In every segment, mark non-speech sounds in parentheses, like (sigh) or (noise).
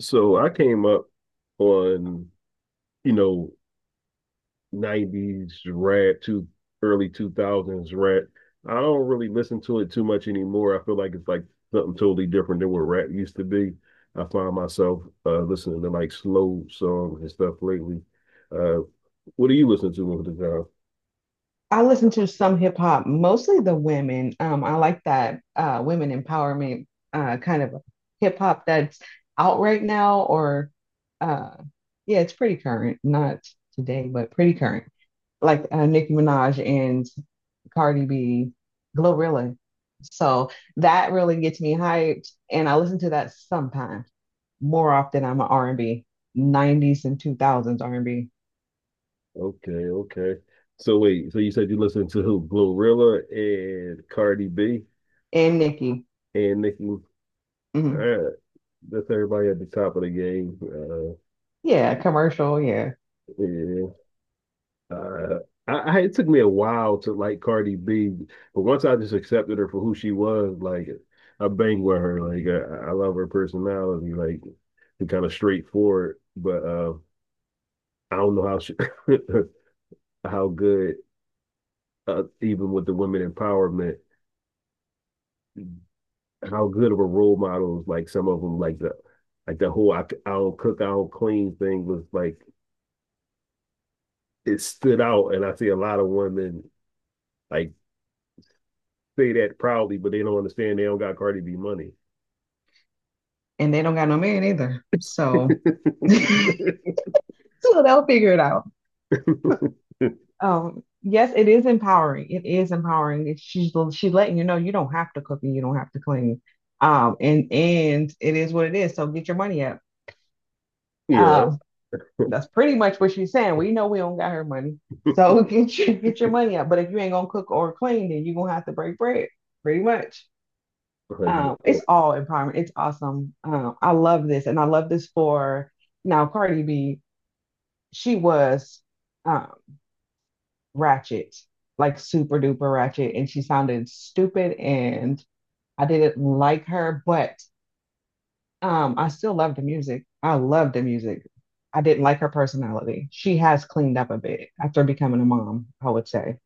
So I came up on, you know, 90s rap to early 2000s rap. I don't really listen to it too much anymore. I feel like it's like something totally different than what rap used to be. I find myself listening to like slow songs and stuff lately. Uh, what do you listen to over the time? I listen to some hip hop, mostly the women. I like that women empowerment kind of hip hop that's out right now, or uh, yeah, it's pretty current, not today, but pretty current. Like Nicki Minaj and Cardi B, Glorilla. So that really gets me hyped, and I listen to that sometimes. More often, I'm an R&B, 90s and 2000s R&B, and B, Okay, okay. So wait, so you said you listen to who? Glorilla and Cardi B and Nicki. and Nicki. All Hmm. right, that's everybody at the top of the game. Yeah, commercial, yeah. Yeah. Uh, I it took me a while to like Cardi B, but once I just accepted her for who she was, like I bang with her. Like I love her personality, like and kind of straightforward. But I don't know how (laughs) how good even with the women empowerment, how good of a role models like some of them like the whole I don't cook I don't clean thing was like it stood out, and I see a lot of women like say that proudly, but they don't understand they don't got Cardi B money. And they don't got no man either. So, (laughs) (laughs) so they'll figure it out. Yes, it is empowering. It is empowering. She's letting you know you don't have to cook and you don't have to clean. And it is what it is. So get your money up. Yeah, like, Um, that's pretty much what she's saying. We know we don't got her money, so (laughs) get your money up. But if you ain't gonna cook or clean, then you're gonna have to break bread, pretty much. It's all empowerment. It's awesome. I love this, and I love this for now. Cardi B, she was, um, ratchet, like super duper ratchet, and she sounded stupid, and I didn't like her, but I still loved the music. I loved the music. I didn't like her personality. She has cleaned up a bit after becoming a mom, I would say,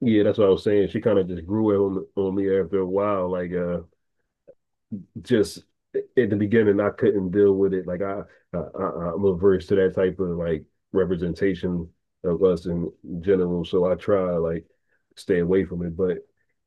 yeah, that's what I was saying. She kind of just grew it on me after a while. Like, just at the beginning I couldn't deal with it. Like I am averse to that type of like representation of us in general. So I try like stay away from it. But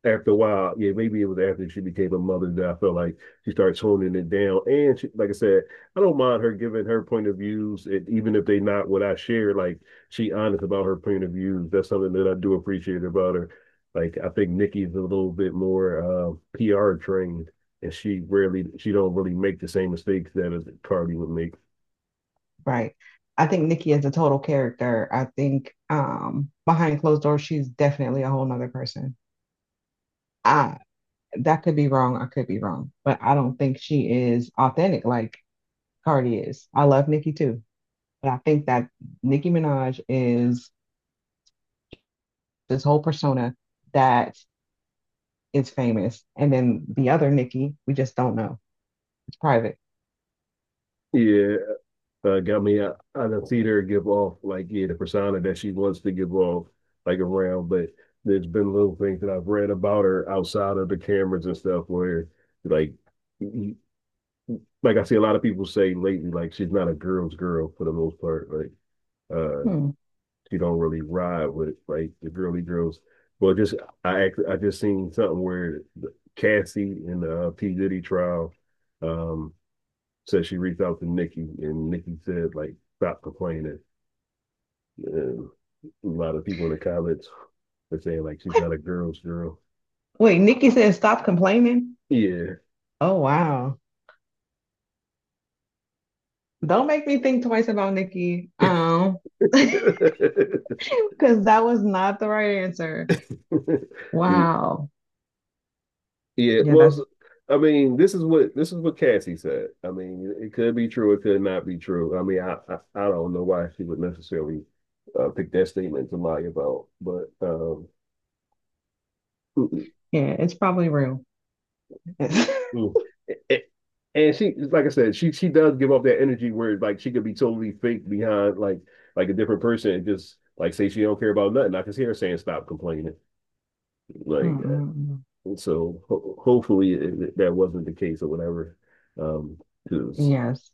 after a while, yeah, maybe it was after she became a mother that I felt like she started toning it down. And she, like I said, I don't mind her giving her point of views, and even if they not what I share. Like she honest about her point of views. That's something that I do appreciate about her. Like I think Nikki's a little bit more PR trained, and she don't really make the same mistakes that a Cardi would make. right? I think Nikki is a total character. I think, behind closed doors, she's definitely a whole nother person. I, that could be wrong. I could be wrong, but I don't think she is authentic like Cardi is. I love Nikki too. But I think that Nicki Minaj is this whole persona that is famous. And then the other Nicki, we just don't know. It's private. Yeah, got me. I done seen her give off like yeah the persona that she wants to give off like around, but there's been little things that I've read about her outside of the cameras and stuff where like like I see a lot of people say lately like she's not a girl's girl for the most part, like uh Hmm. she don't really ride with like the girly girls. But just I just seen something where Cassie in the P Diddy trial, um, said she reached out to Nikki, and Nikki said like stop complaining. And a lot of people in the comments are saying like she's What? not a girl's girl. Wait, Nicki says stop complaining. Yeah. Oh wow. Don't make me think twice about Nicki. (laughs) (laughs) Because that was not the right answer. Yeah, Wow. yeah, Yeah, that's, I mean, this is what Cassie said. I mean, it could be true, it could not be true. I mean, I don't know why she would necessarily pick that statement to lie about, but mm-mm, yeah, it's probably real. mm. A- and she, like I said, she does give off that energy where like she could be totally fake behind like a different person and just like say she don't care about nothing. I can hear her saying stop complaining like that. (laughs) So ho hopefully that wasn't the case or whatever. Um, because Yes.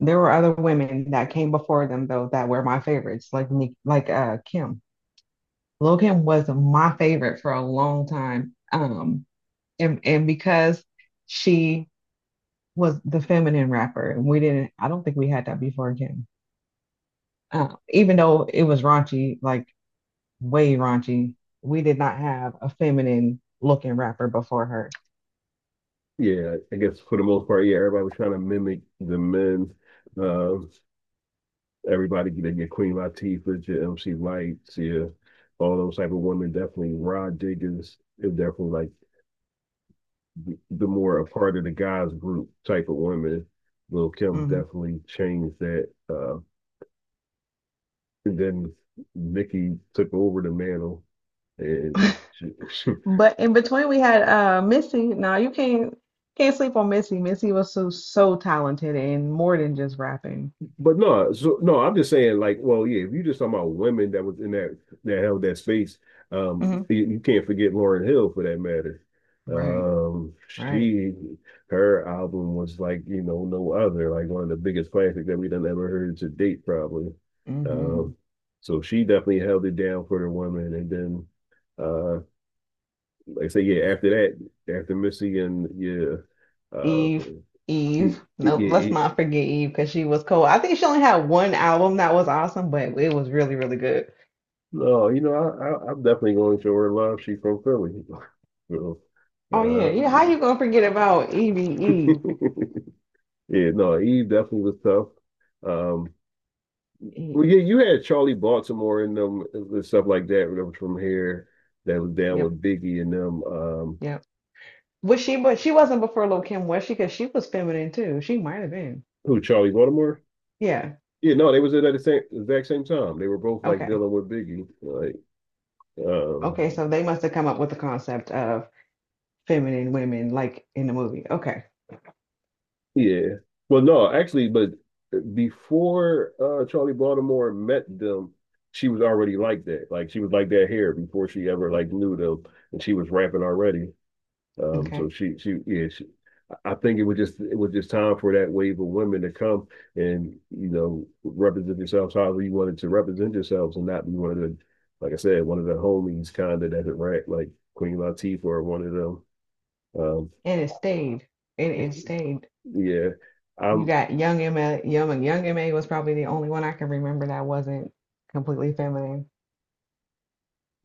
There were other women that came before them though that were my favorites, like Nick, like Kim. Logan was my favorite for a long time. And because she was the feminine rapper, and we didn't, I don't think we had that before Kim. Even though it was raunchy, like way raunchy, we did not have a feminine looking rapper before her. Yeah, I guess for the most part, yeah, everybody was trying to mimic the men. Um, Everybody they get Queen Latifah, your MC Lights, yeah, all those type of women. Definitely Rod Diggins is definitely like the more a part of the guys group type of women. Lil Kim Mhm. definitely changed that. And then Nicki took over the mantle, and (laughs) she. (laughs) But in between, we had Missy. Now you can't sleep on Missy. Missy was so talented and more than just rapping. But no, so no, I'm just saying, like, well, yeah, if you're just talking about women that was in that that held that space, Mhm. you can't forget Lauryn Hill for that matter. Right, right. She Her album was like, no other, like one of the biggest classics that we done ever heard to date, probably. Mm-hmm. Um, so she definitely held it down for the women. And then, uh, like I say, yeah, after that, after Missy, and Eve, yeah, Eve. Nope, let's yeah, not forget Eve because she was cool. I think she only had one album that was awesome, but it was really, really good. no, I'm definitely going to show her love. She's from Philly. (laughs) So, Oh yeah, uh, yeah. How you gonna forget about Evie Eve? (laughs) yeah, no, Eve definitely was tough. Um, well, Eve. yeah, you had Charlie Baltimore in them and stuff like that. Remember from here that was down Yep, with Biggie and them. Yep. Was she? But she wasn't before Lil Kim, was she? Because she was feminine too. She might have been. Who, Charlie Baltimore? Yeah. Yeah, no, they was in at the same exact same time. They were both like Okay. dealing with Biggie. Like, Okay. um, So they must have come up with the concept of feminine women, like in the movie. Okay. yeah. Well, no, actually, but before Charlie Baltimore met them, she was already like that. Like she was like that hair before she ever like knew them, and she was rapping already. Um, so Okay. she she yeah, she, I think it was just time for that wave of women to come and represent yourselves however you wanted to represent yourselves and not be one of the, like I said, one of the homies kind of that had rap, like Queen Latifah or one of them. Um, And it stayed. And it stayed. (laughs) yeah, You I'm got Young M.A. Young and Young M.A. was probably the only one I can remember that wasn't completely feminine.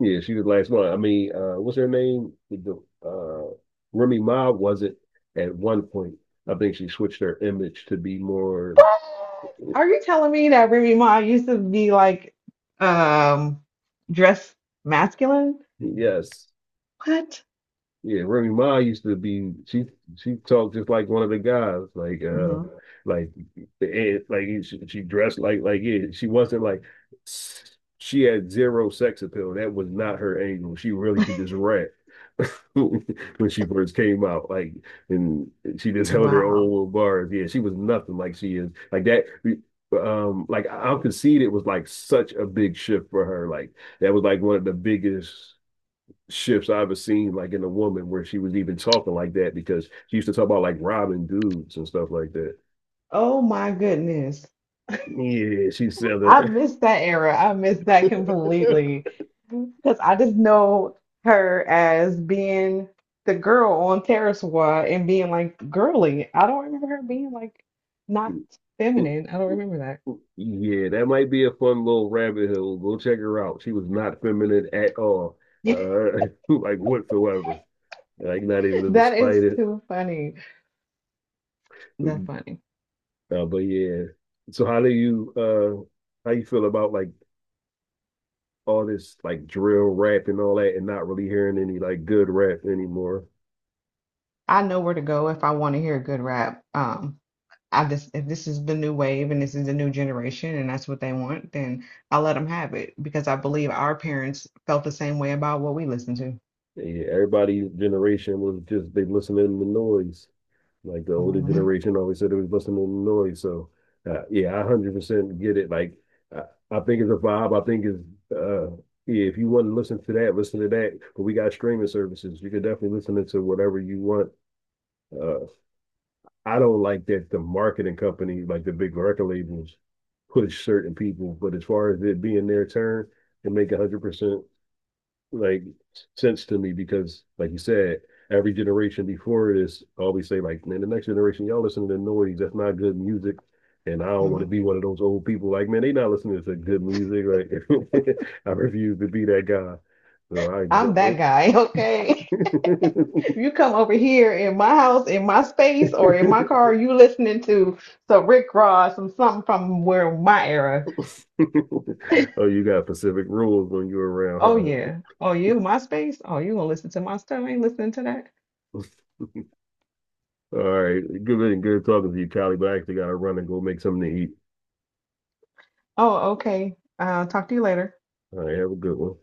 Yeah, she was the last one. I mean, what's her name? The Remy Ma was it at one point. I think she switched her image to be more. What? Are you telling me that Remy Ma used to be like, um dressed masculine? Yes, What? yeah, Remy Ma used to be, she talked just like one of the guys, like uh Hmm. like and like she dressed like yeah, she wasn't like she had zero sex appeal. That was not her angle. She really could just rap (laughs) when she first came out. Like and she just held her own Wow. little bars. Yeah, she was nothing like she is. Like that I'll concede it was like such a big shift for her. Like that was like one of the biggest shifts I've ever seen, like in a woman, where she was even talking like that because she used to talk about like robbing dudes and stuff like that. Oh my goodness. Yeah, she I sounded miss that era. I miss that like. completely. (laughs) Because I just know her as being the girl on Terrace Squad and being like girly. I don't remember her being like not feminine. I don't remember that. Yeah, that might be a fun little rabbit hole. Go check her out. She was not feminine at all, (laughs) (laughs) like whatsoever. Like not even in the That is slightest. too funny. Uh, That's funny. but yeah. So uh how you feel about like all this like drill rap and all that, and not really hearing any like good rap anymore? I know where to go if I want to hear good rap. I just, if this is the new wave and this is the new generation and that's what they want, then I let them have it because I believe our parents felt the same way about what we listened Yeah, everybody's generation was just they listening to noise. Like the older to. (laughs) generation always said it was listening to noise. So yeah, I 100% get it. Like I, I think it's a vibe. I think it's uh yeah, if you want to listen to that, listen to that. But we got streaming services. You can definitely listen to whatever you want. Uh I don't like that the marketing company, like the big record labels, push certain people. But as far as it being their turn and make 100% like sense to me, because like you said, every generation before this always say like, man, the next generation y'all listen to the noise. That's not good music. And I don't want to Hmm. be one of those old people like, man, they not listening to good music. Like, (laughs) I refuse to be that guy. So I I'm that definitely. guy, (laughs) okay? (laughs) You come over here in my house, in my space, or in my car, you listening to some Rick Ross, some something from where my era. (laughs) Oh, you got Pacific rules when you're Oh around, yeah. Oh, you my space? Oh, you gonna listen to my stuff? I ain't listening to that. huh? All right, good, good talking to you, Callie. But I actually got to run and go make something to eat. Oh, okay. Talk to you later. All right, have a good one.